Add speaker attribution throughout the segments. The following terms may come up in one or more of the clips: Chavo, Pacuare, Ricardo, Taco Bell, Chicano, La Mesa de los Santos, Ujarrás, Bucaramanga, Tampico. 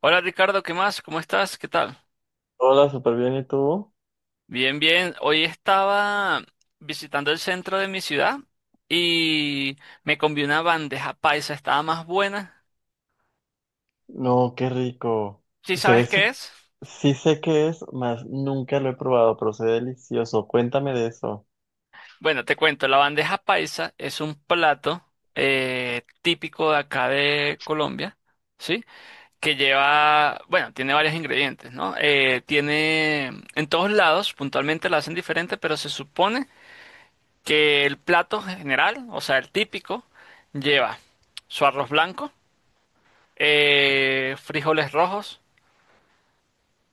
Speaker 1: Hola Ricardo, ¿qué más? ¿Cómo estás? ¿Qué tal?
Speaker 2: Hola, súper bien, ¿y tú?
Speaker 1: Bien, bien. Hoy estaba visitando el centro de mi ciudad y me comí una bandeja paisa, estaba más buena.
Speaker 2: No, qué rico.
Speaker 1: ¿Sí
Speaker 2: Se ve
Speaker 1: sabes qué
Speaker 2: su...
Speaker 1: es?
Speaker 2: Sí sé qué es, mas nunca lo he probado, pero se ve delicioso. Cuéntame de eso.
Speaker 1: Bueno, te cuento, la bandeja paisa es un plato típico de acá de Colombia, ¿sí? Que lleva, bueno, tiene varios ingredientes, ¿no? Tiene, en todos lados, puntualmente la hacen diferente, pero se supone que el plato general, o sea, el típico, lleva su arroz blanco, frijoles rojos,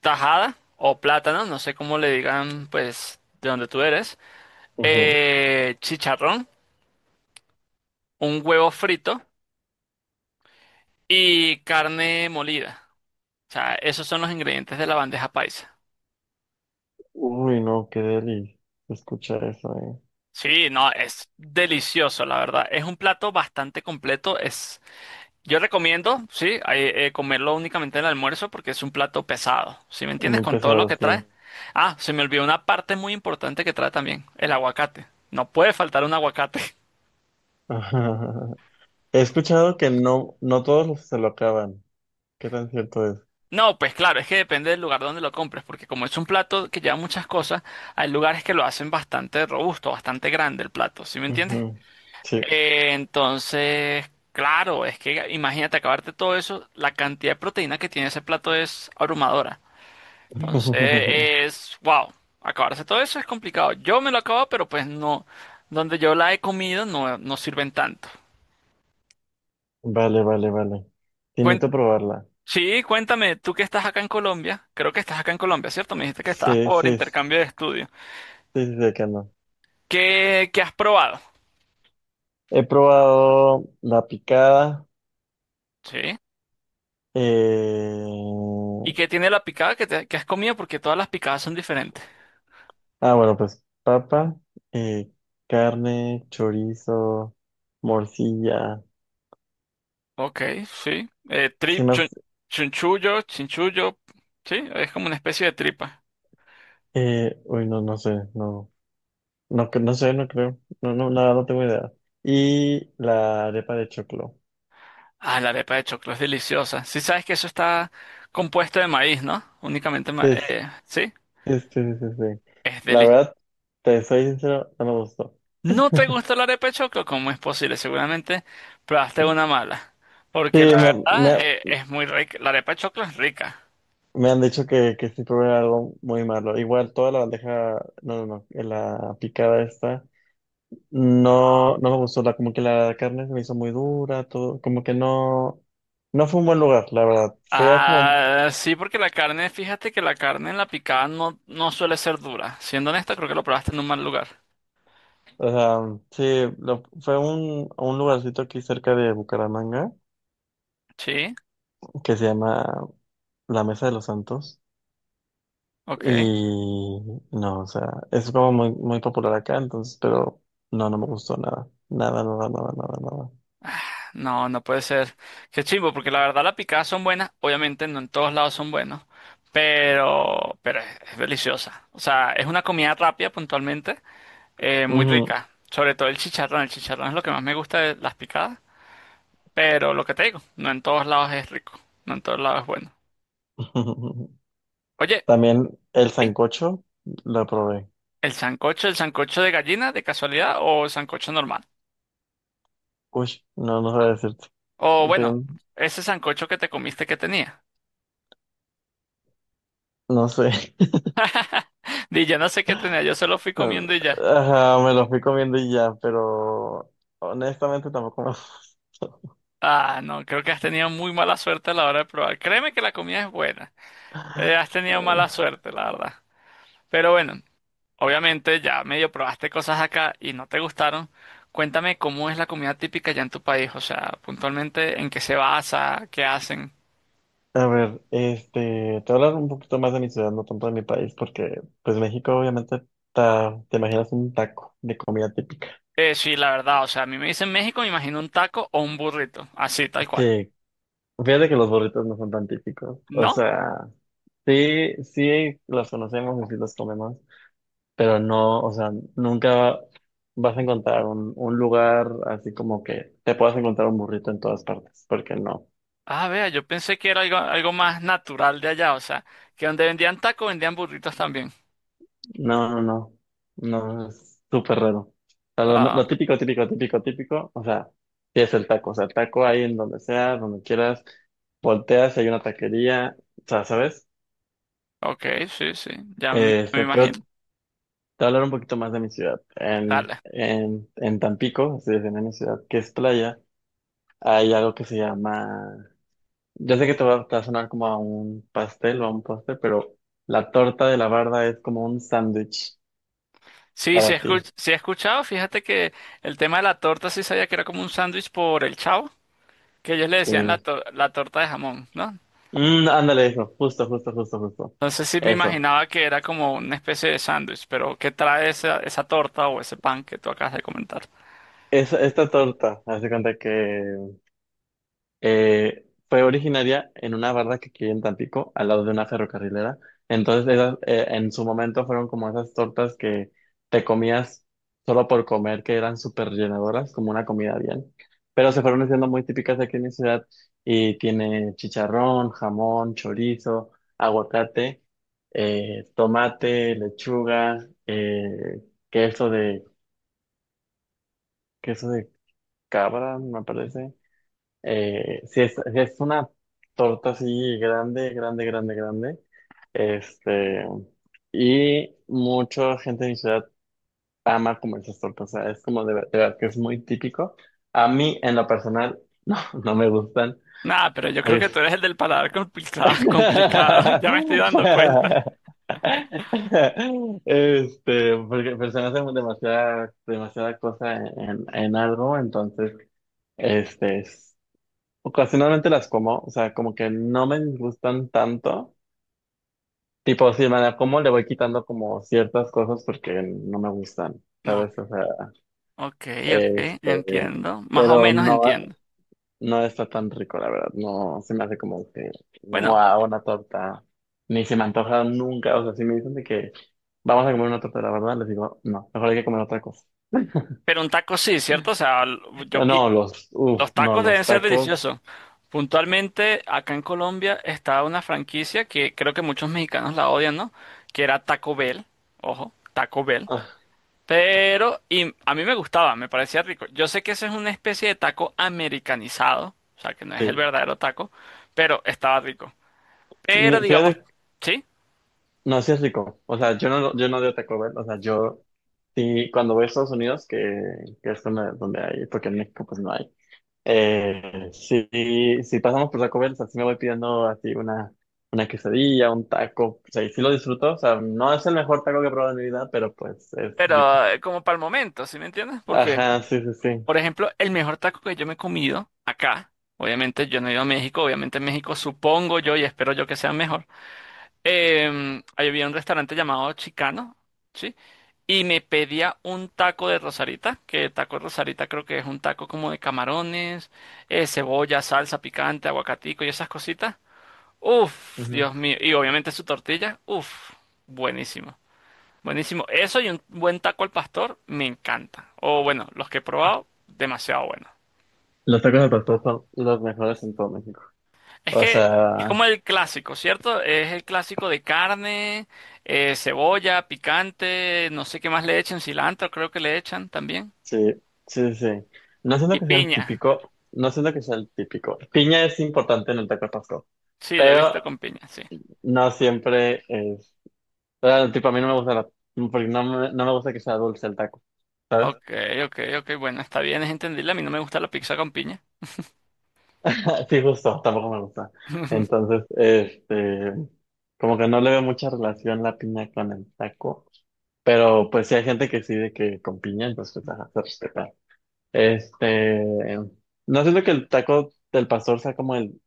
Speaker 1: tajada o plátano, no sé cómo le digan, pues, de donde tú eres,
Speaker 2: Ujú.
Speaker 1: chicharrón, un huevo frito y carne molida. O sea, esos son los ingredientes de la bandeja paisa.
Speaker 2: Uy, no, qué deli. Escucha eso, eh.
Speaker 1: Sí, no, es delicioso, la verdad. Es un plato bastante completo, es. Yo recomiendo, sí, comerlo únicamente en el almuerzo porque es un plato pesado, ¿sí me entiendes?
Speaker 2: Muy
Speaker 1: Con todo lo
Speaker 2: pesado,
Speaker 1: que trae.
Speaker 2: sí.
Speaker 1: Ah, se me olvidó una parte muy importante que trae también, el aguacate. No puede faltar un aguacate.
Speaker 2: He escuchado que no, no todos los se lo acaban. ¿Qué tan cierto es?
Speaker 1: No, pues claro, es que depende del lugar donde lo compres, porque como es un plato que lleva muchas cosas, hay lugares que lo hacen bastante robusto, bastante grande el plato, ¿sí me entiendes?
Speaker 2: Ujú. Sí.
Speaker 1: Entonces, claro, es que imagínate acabarte todo eso, la cantidad de proteína que tiene ese plato es abrumadora. Entonces, es, wow, acabarse todo eso es complicado. Yo me lo acabo, pero pues no, donde yo la he comido no, no sirven tanto.
Speaker 2: Vale, vale, vale. Sí, necesito
Speaker 1: Cuen-
Speaker 2: probarla.
Speaker 1: sí, cuéntame, tú que estás acá en Colombia, creo que estás acá en Colombia, ¿cierto? Me dijiste que estabas
Speaker 2: Sí,
Speaker 1: por
Speaker 2: sí, sí,
Speaker 1: intercambio de estudio.
Speaker 2: sí, sé que no.
Speaker 1: ¿Qué, qué has probado?
Speaker 2: He probado la picada.
Speaker 1: Sí.
Speaker 2: Eh,
Speaker 1: ¿Y qué tiene la picada que, que has comido? Porque todas las picadas son diferentes.
Speaker 2: ah, bueno, pues papa, eh, carne, chorizo, morcilla.
Speaker 1: Ok, sí.
Speaker 2: Sin más,
Speaker 1: Chunchullo, chinchullo, sí, es como una especie de tripa.
Speaker 2: uy, no, no sé, no, no, no sé, no creo, no, no, nada, no tengo idea. Y la arepa de choclo.
Speaker 1: Ah, la arepa de choclo es deliciosa. Sí sabes que eso está compuesto de maíz, ¿no? Únicamente
Speaker 2: Sí, sí,
Speaker 1: sí,
Speaker 2: sí, sí, sí, sí.
Speaker 1: es
Speaker 2: La
Speaker 1: delicioso.
Speaker 2: verdad, te soy sincero, no me gustó.
Speaker 1: ¿No te gusta la arepa de choclo? ¿Cómo es posible? Seguramente probaste una mala. Porque la
Speaker 2: Sí, me,
Speaker 1: verdad
Speaker 2: me,
Speaker 1: es muy rica. La arepa de choclo es rica.
Speaker 2: me han dicho que sí probé algo muy malo. Igual, toda la bandeja, no, no, no, la picada esta. No, no me gustó la, como que la carne se me hizo muy dura, todo, como que no, no fue un buen lugar, la verdad. Fue a como,
Speaker 1: Ah, sí, porque la carne, fíjate que la carne en la picada no, no suele ser dura. Siendo honesta, creo que lo probaste en un mal lugar.
Speaker 2: o sea, sí, fue a un lugarcito aquí cerca de Bucaramanga
Speaker 1: Sí,
Speaker 2: que se llama La Mesa de los Santos
Speaker 1: ok.
Speaker 2: y no, o sea, es como muy, muy popular acá, entonces, pero no, no me gustó nada, nada, nada, nada, nada, nada.
Speaker 1: No, no puede ser. Qué chimbo, porque la verdad las picadas son buenas. Obviamente no en todos lados son buenos, pero es deliciosa. O sea, es una comida rápida puntualmente, muy
Speaker 2: Ujú.
Speaker 1: rica. Sobre todo el chicharrón. El chicharrón es lo que más me gusta de las picadas, pero lo que te digo, no en todos lados es rico, no en todos lados es bueno. Oye,
Speaker 2: También el
Speaker 1: ¿sí?
Speaker 2: sancocho lo probé.
Speaker 1: El sancocho de gallina de casualidad o el sancocho normal?
Speaker 2: Uy, no, no sabía decirte.
Speaker 1: O bueno, ese sancocho que te comiste que tenía.
Speaker 2: No sé.
Speaker 1: Di yo no sé qué tenía, yo solo fui comiendo y ya.
Speaker 2: Ajá, me lo fui comiendo y ya, pero honestamente tampoco me gustó.
Speaker 1: Ah, no, creo que has tenido muy mala suerte a la hora de probar. Créeme que la comida es buena. Has tenido mala suerte, la verdad. Pero bueno, obviamente ya medio probaste cosas acá y no te gustaron. Cuéntame cómo es la comida típica ya en tu país, o sea, puntualmente en qué se basa, qué hacen.
Speaker 2: A ver, este, te voy a hablar un poquito más de mi ciudad, no tanto de mi país, porque pues México obviamente te imaginas un taco de comida típica.
Speaker 1: Sí, la verdad, o sea, a mí me dicen México, me imagino un taco o un burrito, así, tal cual.
Speaker 2: Sí, fíjate que los burritos no son tan típicos. O
Speaker 1: ¿No?
Speaker 2: sea, sí, sí los conocemos y sí los comemos, pero no, o sea, nunca vas a encontrar un lugar así como que te puedas encontrar un burrito en todas partes, porque no,
Speaker 1: Ah, vea, yo pensé que era algo, algo más natural de allá, o sea, que donde vendían tacos vendían burritos también.
Speaker 2: no, no, no, no, es súper raro. O sea, lo,
Speaker 1: Ah,
Speaker 2: lo típico, típico, típico, típico, o sea, sí es el taco, o sea, el taco ahí en donde sea, donde quieras, volteas, si hay una taquería, o sea, ¿sabes?
Speaker 1: ok, sí, sí, ya me
Speaker 2: Este, pero te
Speaker 1: imagino.
Speaker 2: voy a hablar un poquito más de mi ciudad. En,
Speaker 1: Dale.
Speaker 2: en, en Tampico, así es, en mi ciudad, que es playa, hay algo que se llama. Yo sé que te va a sonar como a un pastel o a un postre, pero la torta de la barda es como un sándwich
Speaker 1: Sí,
Speaker 2: para
Speaker 1: sí,
Speaker 2: ti.
Speaker 1: sí he escuchado. Fíjate que el tema de la torta sí sabía que era como un sándwich por el Chavo, que ellos le decían la,
Speaker 2: Sí.
Speaker 1: la torta de jamón, ¿no?
Speaker 2: Mm, ándale, eso, justo, justo, justo, justo.
Speaker 1: Entonces sí me
Speaker 2: Eso.
Speaker 1: imaginaba que era como una especie de sándwich, pero ¿qué trae esa, esa torta o ese pan que tú acabas de comentar?
Speaker 2: Esta torta, hace cuenta que fue originaria en una barra que aquí en Tampico, al lado de una ferrocarrilera. Entonces, en su momento fueron como esas tortas que te comías solo por comer, que eran súper llenadoras, como una comida bien. Pero se fueron haciendo muy típicas aquí en mi ciudad y tiene chicharrón, jamón, chorizo, aguacate, tomate, lechuga, queso de, queso de cabra, me parece. Si es una torta así grande, grande, grande, grande. Este, y mucha gente de mi ciudad ama comer esas tortas. O sea, es como de verdad que es muy típico. A mí, en lo personal, no, no me gustan.
Speaker 1: Nada, pero yo creo
Speaker 2: Oye.
Speaker 1: que tú eres el del paladar complicado, complicado. Ya me estoy dando cuenta.
Speaker 2: Este, porque personas se demasiada, demasiada cosa en algo, entonces, este, ocasionalmente las como, o sea, como que no me gustan tanto. Tipo, si me la como, le voy quitando como ciertas cosas porque no me gustan,
Speaker 1: No,
Speaker 2: ¿sabes? O sea,
Speaker 1: ok, ok,
Speaker 2: este,
Speaker 1: entiendo. Más o
Speaker 2: pero
Speaker 1: menos
Speaker 2: no,
Speaker 1: entiendo.
Speaker 2: no está tan rico, la verdad. No se me hace como que,
Speaker 1: Bueno,
Speaker 2: wow, una torta. Ni se me antoja nunca. O sea, si me dicen de que vamos a comer una torta, la verdad, les digo, no, mejor hay que comer otra cosa.
Speaker 1: pero un taco sí, ¿cierto? O sea, yo, pi-
Speaker 2: No, los, uff,
Speaker 1: los
Speaker 2: no,
Speaker 1: tacos deben
Speaker 2: los
Speaker 1: ser
Speaker 2: tacos.
Speaker 1: deliciosos. Puntualmente, acá en Colombia está una franquicia que creo que muchos mexicanos la odian, ¿no? Que era Taco Bell. Ojo, Taco Bell.
Speaker 2: Ah,
Speaker 1: Pero, y a mí me gustaba, me parecía rico. Yo sé que ese es una especie de taco americanizado, o sea, que no es el
Speaker 2: sí.
Speaker 1: verdadero taco, pero estaba rico. Pero, digamos,
Speaker 2: Fíjate.
Speaker 1: sí,
Speaker 2: No, sí es rico. O sea, yo no de Taco Bell. O sea, yo sí, cuando voy a Estados Unidos, que es donde hay, porque en México pues no hay. Sí, si pasamos por Taco Bell, o sea, sí me voy pidiendo así una quesadilla, un taco. O sea, y sí lo disfruto. O sea, no es el mejor taco que he probado en mi vida, pero pues es rico.
Speaker 1: pero como para el momento, ¿sí me entiendes? Porque,
Speaker 2: Ajá, sí, sí, sí.
Speaker 1: por ejemplo, el mejor taco que yo me he comido acá, obviamente yo no he ido a México, obviamente en México supongo yo y espero yo que sea mejor. Ahí había un restaurante llamado Chicano, ¿sí? Y me pedía un taco de rosarita, que taco de rosarita creo que es un taco como de camarones, cebolla, salsa picante, aguacatico y esas cositas. Uf,
Speaker 2: Ujú.
Speaker 1: Dios mío. Y obviamente su tortilla, uf, buenísimo. Buenísimo. Eso y un buen taco al pastor, me encanta. O bueno, los que he probado, demasiado bueno.
Speaker 2: Los tacos al pastor son los mejores en todo México.
Speaker 1: Es
Speaker 2: O
Speaker 1: que es
Speaker 2: sea,
Speaker 1: como el clásico, ¿cierto? Es el clásico de carne, cebolla, picante, no sé qué más le echen, cilantro creo que le echan también.
Speaker 2: sí, sí, sí, sí. No siento
Speaker 1: Y
Speaker 2: que sea el
Speaker 1: piña.
Speaker 2: típico, no siento que sea el típico. Piña es importante en el taco de pastor,
Speaker 1: Sí, lo he
Speaker 2: pero
Speaker 1: visto con piña, sí.
Speaker 2: no siempre es. O sea, tipo, a mí no me gusta la, porque no me gusta que sea dulce el taco, ¿sabes?
Speaker 1: Ok, ok, ok, bueno, está bien, es entendible. A mí no me gusta la pizza con piña.
Speaker 2: Sí, justo, tampoco me gusta. Entonces, este, como que no le veo mucha relación la piña con el taco, pero pues sí hay gente que sí de que con piña, entonces pues, ajá, se respeta. Este, no siento que el taco del pastor sea como el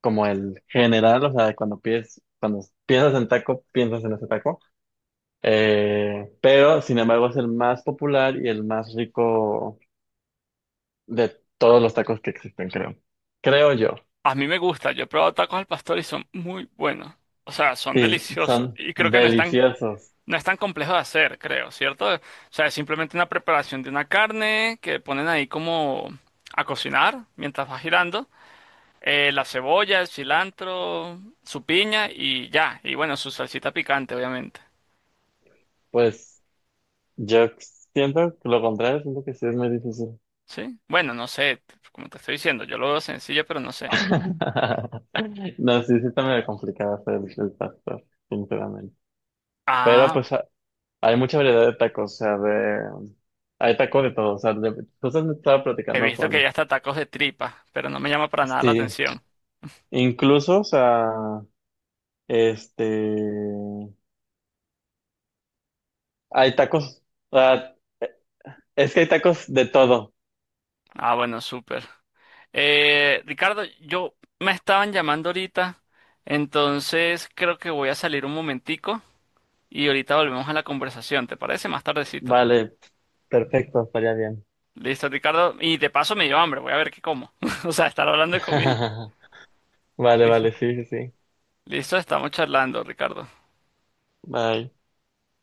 Speaker 2: como el general, o sea, cuando piensas en taco, piensas en ese taco. Pero, sin embargo, es el más popular y el más rico de todos los tacos que existen, creo. Creo yo.
Speaker 1: A mí me gusta, yo he probado tacos al pastor y son muy buenos. O sea, son
Speaker 2: Sí,
Speaker 1: deliciosos.
Speaker 2: son
Speaker 1: Y creo que no están.
Speaker 2: deliciosos.
Speaker 1: No es tan complejo de hacer, creo, ¿cierto? O sea, es simplemente una preparación de una carne que ponen ahí como a cocinar mientras va girando. La cebolla, el cilantro, su piña y ya. Y bueno, su salsita picante, obviamente.
Speaker 2: Pues yo siento que lo contrario, siento que sí es muy difícil.
Speaker 1: ¿Sí? Bueno, no sé, como te estoy diciendo, yo lo veo sencillo, pero no sé.
Speaker 2: No, sí, sí está medio complicado hacer el pastor, sinceramente. Pero
Speaker 1: Ah,
Speaker 2: pues hay mucha variedad de tacos, o sea, de. Hay tacos de todo, o sea, de. Entonces me estaba
Speaker 1: he
Speaker 2: platicando
Speaker 1: visto que hay
Speaker 2: con.
Speaker 1: hasta tacos de tripa, pero no me llama para nada la
Speaker 2: Sí,
Speaker 1: atención.
Speaker 2: incluso, o sea, este. Hay tacos, o sea, es que hay tacos de todo,
Speaker 1: Ah, bueno,
Speaker 2: hay
Speaker 1: súper.
Speaker 2: tacos de todo, o sea, hasta de
Speaker 1: Ricardo,
Speaker 2: sal,
Speaker 1: yo
Speaker 2: de
Speaker 1: me
Speaker 2: queso,
Speaker 1: estaban
Speaker 2: entonces sí,
Speaker 1: llamando
Speaker 2: es muy
Speaker 1: ahorita,
Speaker 2: rico todo.
Speaker 1: entonces creo que voy a salir un momentico y ahorita volvemos a la conversación, ¿te parece? Más tardecito.
Speaker 2: Vale, perfecto, estaría bien.
Speaker 1: Listo, Ricardo. Y de paso me dio hambre, voy a ver qué como. O sea, estar hablando de comida.
Speaker 2: Vale, vale, sí, sí, sí.
Speaker 1: Listo, estamos charlando, Ricardo.
Speaker 2: Bye.